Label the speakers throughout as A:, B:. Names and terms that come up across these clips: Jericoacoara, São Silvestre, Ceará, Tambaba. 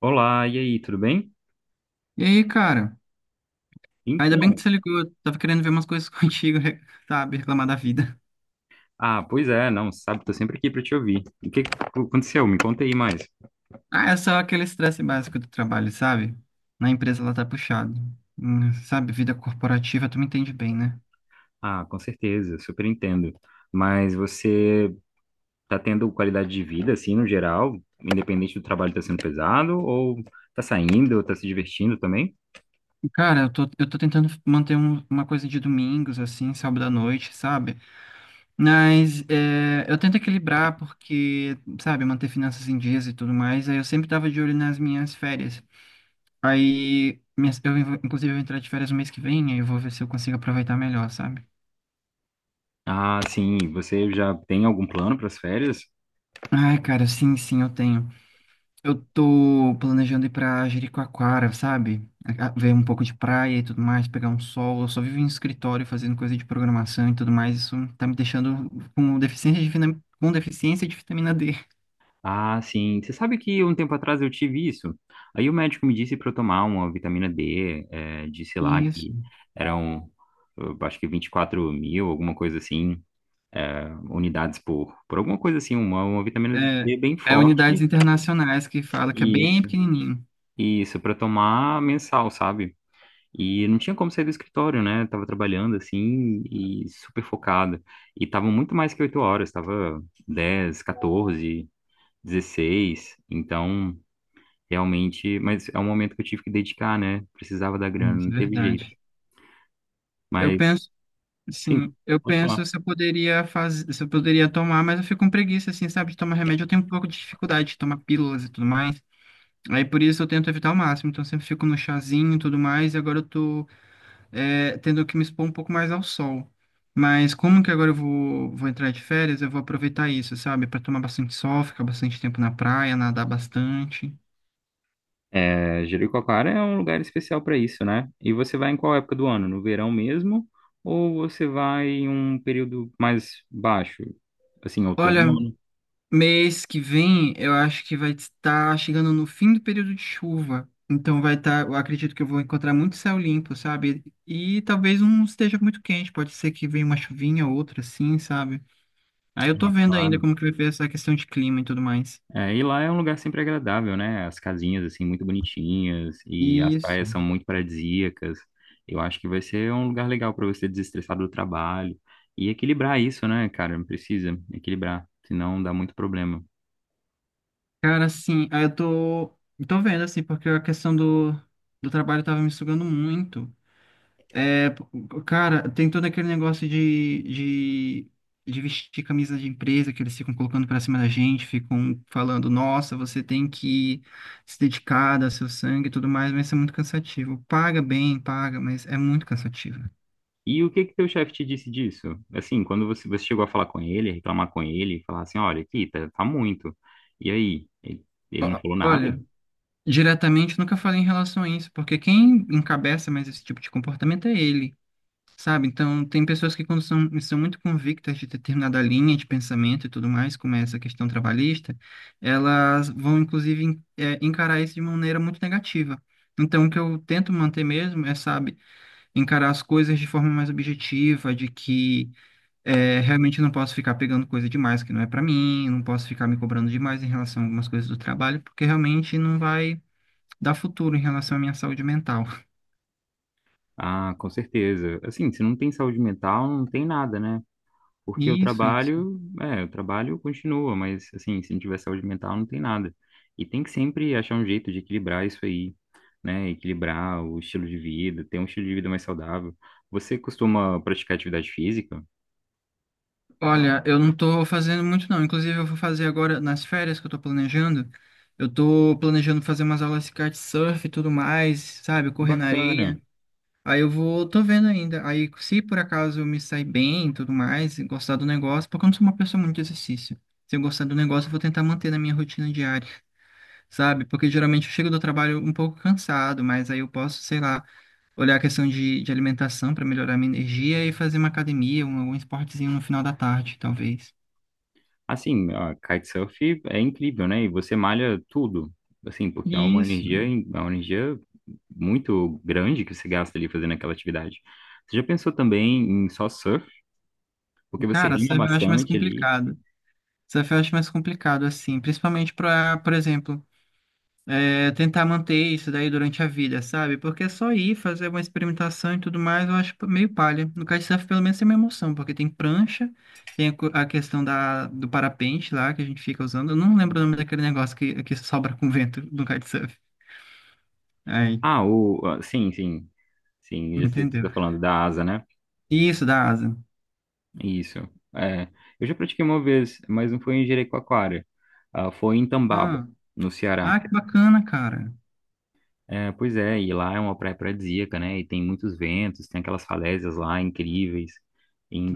A: Olá, e aí, tudo bem?
B: E aí, cara? Ainda bem
A: Então,
B: que você ligou. Eu tava querendo ver umas coisas contigo, sabe? Reclamar da vida.
A: ah, pois é, não, sabe, tô sempre aqui para te ouvir. O que que aconteceu? Me conta aí mais.
B: Ah, é só aquele estresse básico do trabalho, sabe? Na empresa ela tá puxado. Sabe, vida corporativa, tu me entende bem, né?
A: Ah, com certeza, super entendo. Mas você tá tendo qualidade de vida, assim, no geral, independente do trabalho tá sendo pesado, ou tá saindo, ou tá se divertindo também?
B: Cara, eu tô tentando manter uma coisa de domingos, assim, sábado à noite, sabe? Mas é, eu tento equilibrar porque, sabe, manter finanças em dias e tudo mais. Aí eu sempre tava de olho nas minhas férias. Aí, inclusive, eu vou entrar de férias no mês que vem, aí eu vou ver se eu consigo aproveitar melhor, sabe?
A: Ah, sim, você já tem algum plano para as férias?
B: Ai, cara, sim, sim, eu tenho. Eu tô planejando ir pra Jericoacoara, sabe? Ver um pouco de praia e tudo mais, pegar um sol. Eu só vivo em escritório fazendo coisa de programação e tudo mais. Isso tá me deixando com deficiência de vitamina D.
A: Ah, sim. Você sabe que um tempo atrás eu tive isso. Aí o médico me disse para eu tomar uma vitamina D, disse lá
B: Isso.
A: que eram, eu acho que 24.000, alguma coisa assim, unidades por alguma coisa assim, uma vitamina
B: É,
A: D bem
B: é unidades
A: forte.
B: internacionais que fala que é bem
A: Isso,
B: pequenininho.
A: isso, para tomar mensal, sabe? E não tinha como sair do escritório, né? Tava trabalhando assim e super focado. E tava muito mais que 8 horas, tava 10, 14, 16. Então, realmente, mas é um momento que eu tive que dedicar, né? Precisava da
B: É
A: grana,
B: isso,
A: não
B: é
A: teve
B: verdade.
A: jeito.
B: Eu
A: Mas,
B: penso,
A: sim,
B: sim, eu
A: pode
B: penso
A: falar.
B: se eu poderia fazer, se eu poderia tomar, mas eu fico com preguiça, assim, sabe, de tomar remédio. Eu tenho um pouco de dificuldade de tomar pílulas e tudo mais. Aí por isso eu tento evitar ao máximo, então eu sempre fico no chazinho e tudo mais, e agora eu tô tendo que me expor um pouco mais ao sol. Mas como que agora vou entrar de férias, eu vou aproveitar isso, sabe? Pra tomar bastante sol, ficar bastante tempo na praia, nadar bastante.
A: É, Jericoacoara é um lugar especial para isso, né? E você vai em qual época do ano? No verão mesmo? Ou você vai em um período mais baixo? Assim,
B: Olha,
A: outono?
B: mês que vem eu acho que vai estar chegando no fim do período de chuva. Então vai estar, eu acredito que eu vou encontrar muito céu limpo, sabe? E talvez não esteja muito quente, pode ser que venha uma chuvinha ou outra assim, sabe? Aí eu tô
A: Ah,
B: vendo ainda
A: claro.
B: como que vai ser essa questão de clima e tudo mais.
A: É, e lá é um lugar sempre agradável, né? As casinhas, assim, muito bonitinhas e as
B: Isso.
A: praias são muito paradisíacas. Eu acho que vai ser um lugar legal para você desestressar do trabalho e equilibrar isso, né, cara? Precisa equilibrar, senão dá muito problema.
B: Cara, assim, tô vendo, assim, porque a questão do trabalho tava me sugando muito. É, p- cara, tem todo aquele negócio de vestir camisa de empresa que eles ficam colocando pra cima da gente, ficam falando, nossa, você tem que se dedicar, dar seu sangue e tudo mais, mas isso é muito cansativo. Paga bem, paga, mas é muito cansativo.
A: E o que que teu chefe te disse disso? Assim, quando você chegou a falar com ele, a reclamar com ele, falar assim, olha, aqui tá, tá muito. E aí? Ele não falou nada?
B: Olha, diretamente nunca falei em relação a isso, porque quem encabeça mais esse tipo de comportamento é ele, sabe? Então, tem pessoas que quando são muito convictas de determinada linha de pensamento e tudo mais, como é essa questão trabalhista, elas vão, inclusive, encarar isso de maneira muito negativa. Então, o que eu tento manter mesmo é, sabe, encarar as coisas de forma mais objetiva, de que realmente eu não posso ficar pegando coisa demais que não é para mim, não posso ficar me cobrando demais em relação a algumas coisas do trabalho, porque realmente não vai dar futuro em relação à minha saúde mental.
A: Ah, com certeza. Assim, se não tem saúde mental, não tem nada, né? Porque o
B: Isso, isso.
A: trabalho, é, o trabalho continua, mas assim, se não tiver saúde mental, não tem nada. E tem que sempre achar um jeito de equilibrar isso aí, né? Equilibrar o estilo de vida, ter um estilo de vida mais saudável. Você costuma praticar atividade física?
B: Olha, eu não tô fazendo muito não. Inclusive, eu vou fazer agora nas férias que eu tô planejando. Eu tô planejando fazer umas aulas de kitesurf e tudo mais, sabe? Correr na
A: Bacana.
B: areia. Tô vendo ainda. Aí, se por acaso eu me sair bem e tudo mais, e gostar do negócio, porque eu não sou uma pessoa muito de exercício. Se eu gostar do negócio, eu vou tentar manter na minha rotina diária, sabe? Porque geralmente eu chego do trabalho um pouco cansado, mas aí eu posso, sei lá, olhar a questão de alimentação para melhorar minha energia e fazer uma academia, algum esportezinho no final da tarde, talvez.
A: Assim, a kitesurf é incrível, né? E você malha tudo, assim, porque
B: Isso.
A: é uma energia muito grande que você gasta ali fazendo aquela atividade. Você já pensou também em só surf? Porque você
B: Cara,
A: rima
B: surf eu acho mais
A: bastante ali.
B: complicado. Surf eu acho mais complicado, assim, principalmente para, por exemplo, é, tentar manter isso daí durante a vida, sabe? Porque é só ir fazer uma experimentação e tudo mais, eu acho meio palha. No kitesurf, pelo menos, tem uma emoção, porque tem prancha, tem a questão do parapente lá, que a gente fica usando. Eu não lembro o nome daquele negócio que sobra com vento no kitesurf. Aí,
A: Ah, sim, já sei o que você
B: entendeu?
A: está falando, da asa, né?
B: Isso, da asa.
A: Isso. É, eu já pratiquei uma vez, mas não foi em Jericoacoara, ah, foi em Tambaba,
B: Ah,
A: no Ceará.
B: ah, que bacana, cara.
A: É, pois é, e lá é uma praia paradisíaca, né? E tem muitos ventos, tem aquelas falésias lá incríveis.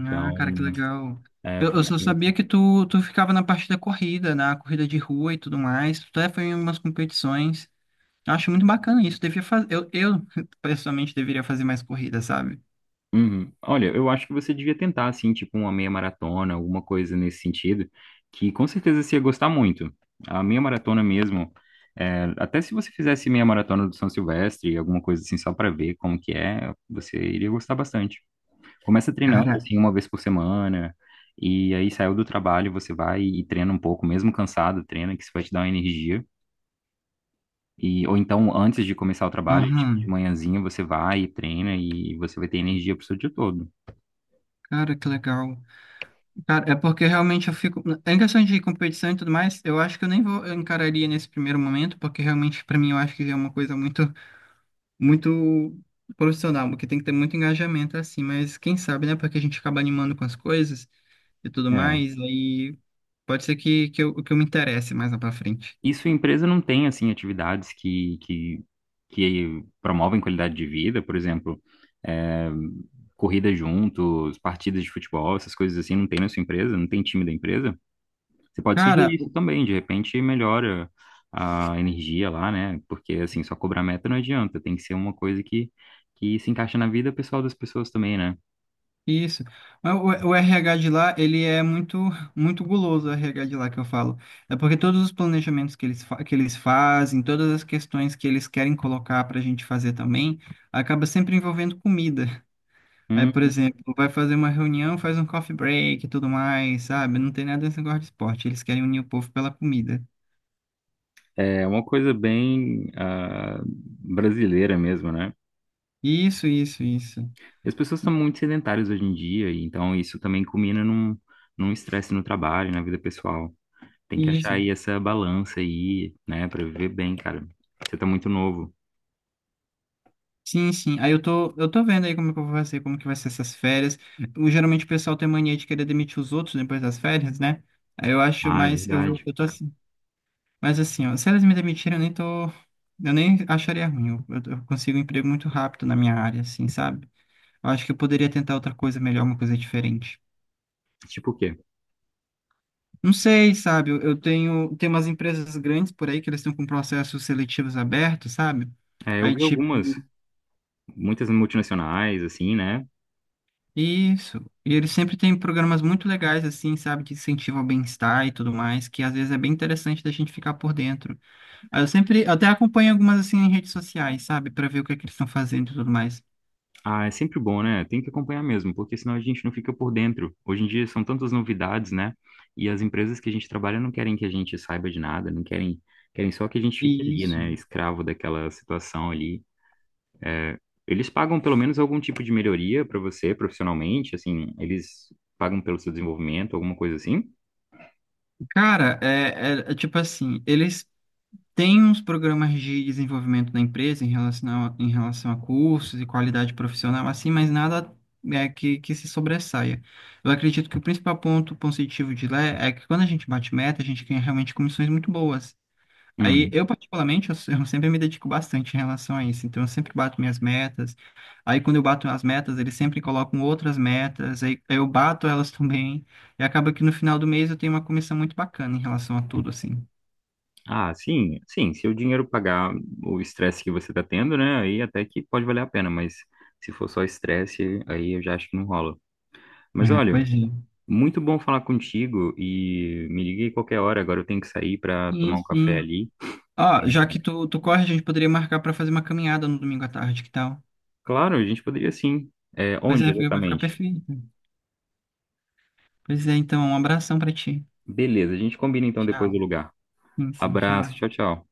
B: Ah, cara, que legal.
A: é,
B: Eu
A: foi.
B: só sabia que tu ficava na parte da corrida, na corrida de rua e tudo mais. Tu até foi em umas competições. Eu acho muito bacana isso. Devia fazer, pessoalmente, deveria fazer mais corrida, sabe?
A: Uhum. Olha, eu acho que você devia tentar, assim, tipo uma meia maratona, alguma coisa nesse sentido, que com certeza você ia gostar muito. A meia maratona mesmo, é, até se você fizesse meia maratona do São Silvestre, alguma coisa assim, só para ver como que é, você iria gostar bastante. Começa treinando,
B: Cara,
A: assim, uma vez por semana, e aí saiu do trabalho, você vai e treina um pouco, mesmo cansado, treina, que isso vai te dar uma energia. E, ou então, antes de começar o trabalho, tipo, de
B: aham.
A: manhãzinha, você vai e treina e você vai ter energia pro seu dia todo.
B: Cara, que legal. Cara, é porque realmente eu fico. Em questão de competição e tudo mais, eu acho que eu nem vou eu encararia nesse primeiro momento, porque realmente, pra mim, eu acho que é uma coisa muito profissional, porque tem que ter muito engajamento assim, mas quem sabe, né? Porque a gente acaba animando com as coisas e tudo mais, aí pode ser que eu me interesse mais lá pra frente.
A: E sua empresa não tem, assim, atividades que promovem qualidade de vida, por exemplo, é, corrida juntos, partidas de futebol, essas coisas assim, não tem na sua empresa, não tem time da empresa? Você pode
B: Cara,
A: sugerir isso
B: o-
A: também, de repente melhora a energia lá, né? Porque, assim, só cobrar meta não adianta, tem que ser uma coisa que se encaixa na vida pessoal das pessoas também, né?
B: isso. Mas o RH de lá, ele é muito, muito guloso, o RH de lá que eu falo. É porque todos os planejamentos que eles, que eles fazem, todas as questões que eles querem colocar para a gente fazer também, acaba sempre envolvendo comida. Aí, por
A: Hum,
B: exemplo, vai fazer uma reunião, faz um coffee break e tudo mais, sabe? Não tem nada desse negócio de esporte. Eles querem unir o povo pela comida.
A: é uma coisa bem ah, brasileira mesmo, né?
B: Isso, isso, isso.
A: E as pessoas estão muito sedentárias hoje em dia, e então isso também culmina num estresse no trabalho, na vida pessoal. Tem que achar
B: Isso.
A: aí essa balança aí, né, pra viver bem, cara. Você tá muito novo.
B: Sim, sim. Aí eu tô vendo aí como é que eu vou fazer, como que vai ser essas férias. O, geralmente o pessoal tem mania de querer demitir os outros depois das férias, né? Aí eu acho,
A: Ah, é
B: mas
A: verdade.
B: eu tô assim. Mas assim, ó, se elas me demitirem, eu nem tô. Eu nem acharia ruim. Eu consigo um emprego muito rápido na minha área, assim, sabe? Eu acho que eu poderia tentar outra coisa melhor, uma coisa diferente.
A: Tipo o quê?
B: Não sei, sabe? Eu tenho, tem umas empresas grandes por aí que eles estão com processos seletivos abertos, sabe?
A: É, eu
B: Aí,
A: vi algumas,
B: tipo.
A: muitas multinacionais, assim, né?
B: Isso. E eles sempre têm programas muito legais, assim, sabe, que incentivam o bem-estar e tudo mais, que às vezes é bem interessante da gente ficar por dentro. Aí eu sempre até acompanho algumas, assim, em redes sociais, sabe, para ver o que é que eles estão fazendo e tudo mais.
A: Ah, é sempre bom, né? Tem que acompanhar mesmo, porque senão a gente não fica por dentro. Hoje em dia são tantas novidades, né? E as empresas que a gente trabalha não querem que a gente saiba de nada, não querem, querem só que a gente fique ali,
B: Isso.
A: né? Escravo daquela situação ali. Eles pagam pelo menos algum tipo de melhoria para você profissionalmente, assim, eles pagam pelo seu desenvolvimento, alguma coisa assim?
B: Cara, é tipo assim, eles tem uns programas de desenvolvimento da empresa em relação em relação a cursos e qualidade profissional, assim, mas nada é, que se sobressaia. Eu acredito que o principal ponto positivo de lá é que quando a gente bate meta, a gente ganha realmente comissões muito boas. Aí,
A: Hum.
B: eu particularmente, eu, se- eu sempre me dedico bastante em relação a isso. Então, eu sempre bato minhas metas. Aí, quando eu bato as metas, eles sempre colocam outras metas. Aí, eu bato elas também. E acaba que no final do mês eu tenho uma comissão muito bacana em relação a tudo, assim.
A: Ah, sim, sim, se o dinheiro pagar o estresse que você tá tendo, né, aí até que pode valer a pena, mas se for só estresse, aí eu já acho que não rola. Mas
B: É,
A: olha,
B: pois é.
A: muito bom falar contigo e me liga aí qualquer hora, agora eu tenho que sair para
B: Sim,
A: tomar um café
B: sim.
A: ali.
B: Ó, já que
A: É,
B: tu corre, a gente poderia marcar pra fazer uma caminhada no domingo à tarde, que tal?
A: claro, a gente poderia sim. É, onde
B: Vai ficar
A: exatamente?
B: perfeito. Pois é, então, um abração pra ti.
A: Beleza, a gente combina então depois do
B: Tchau.
A: lugar.
B: Sim, sim,
A: Abraço,
B: tchau.
A: tchau, tchau.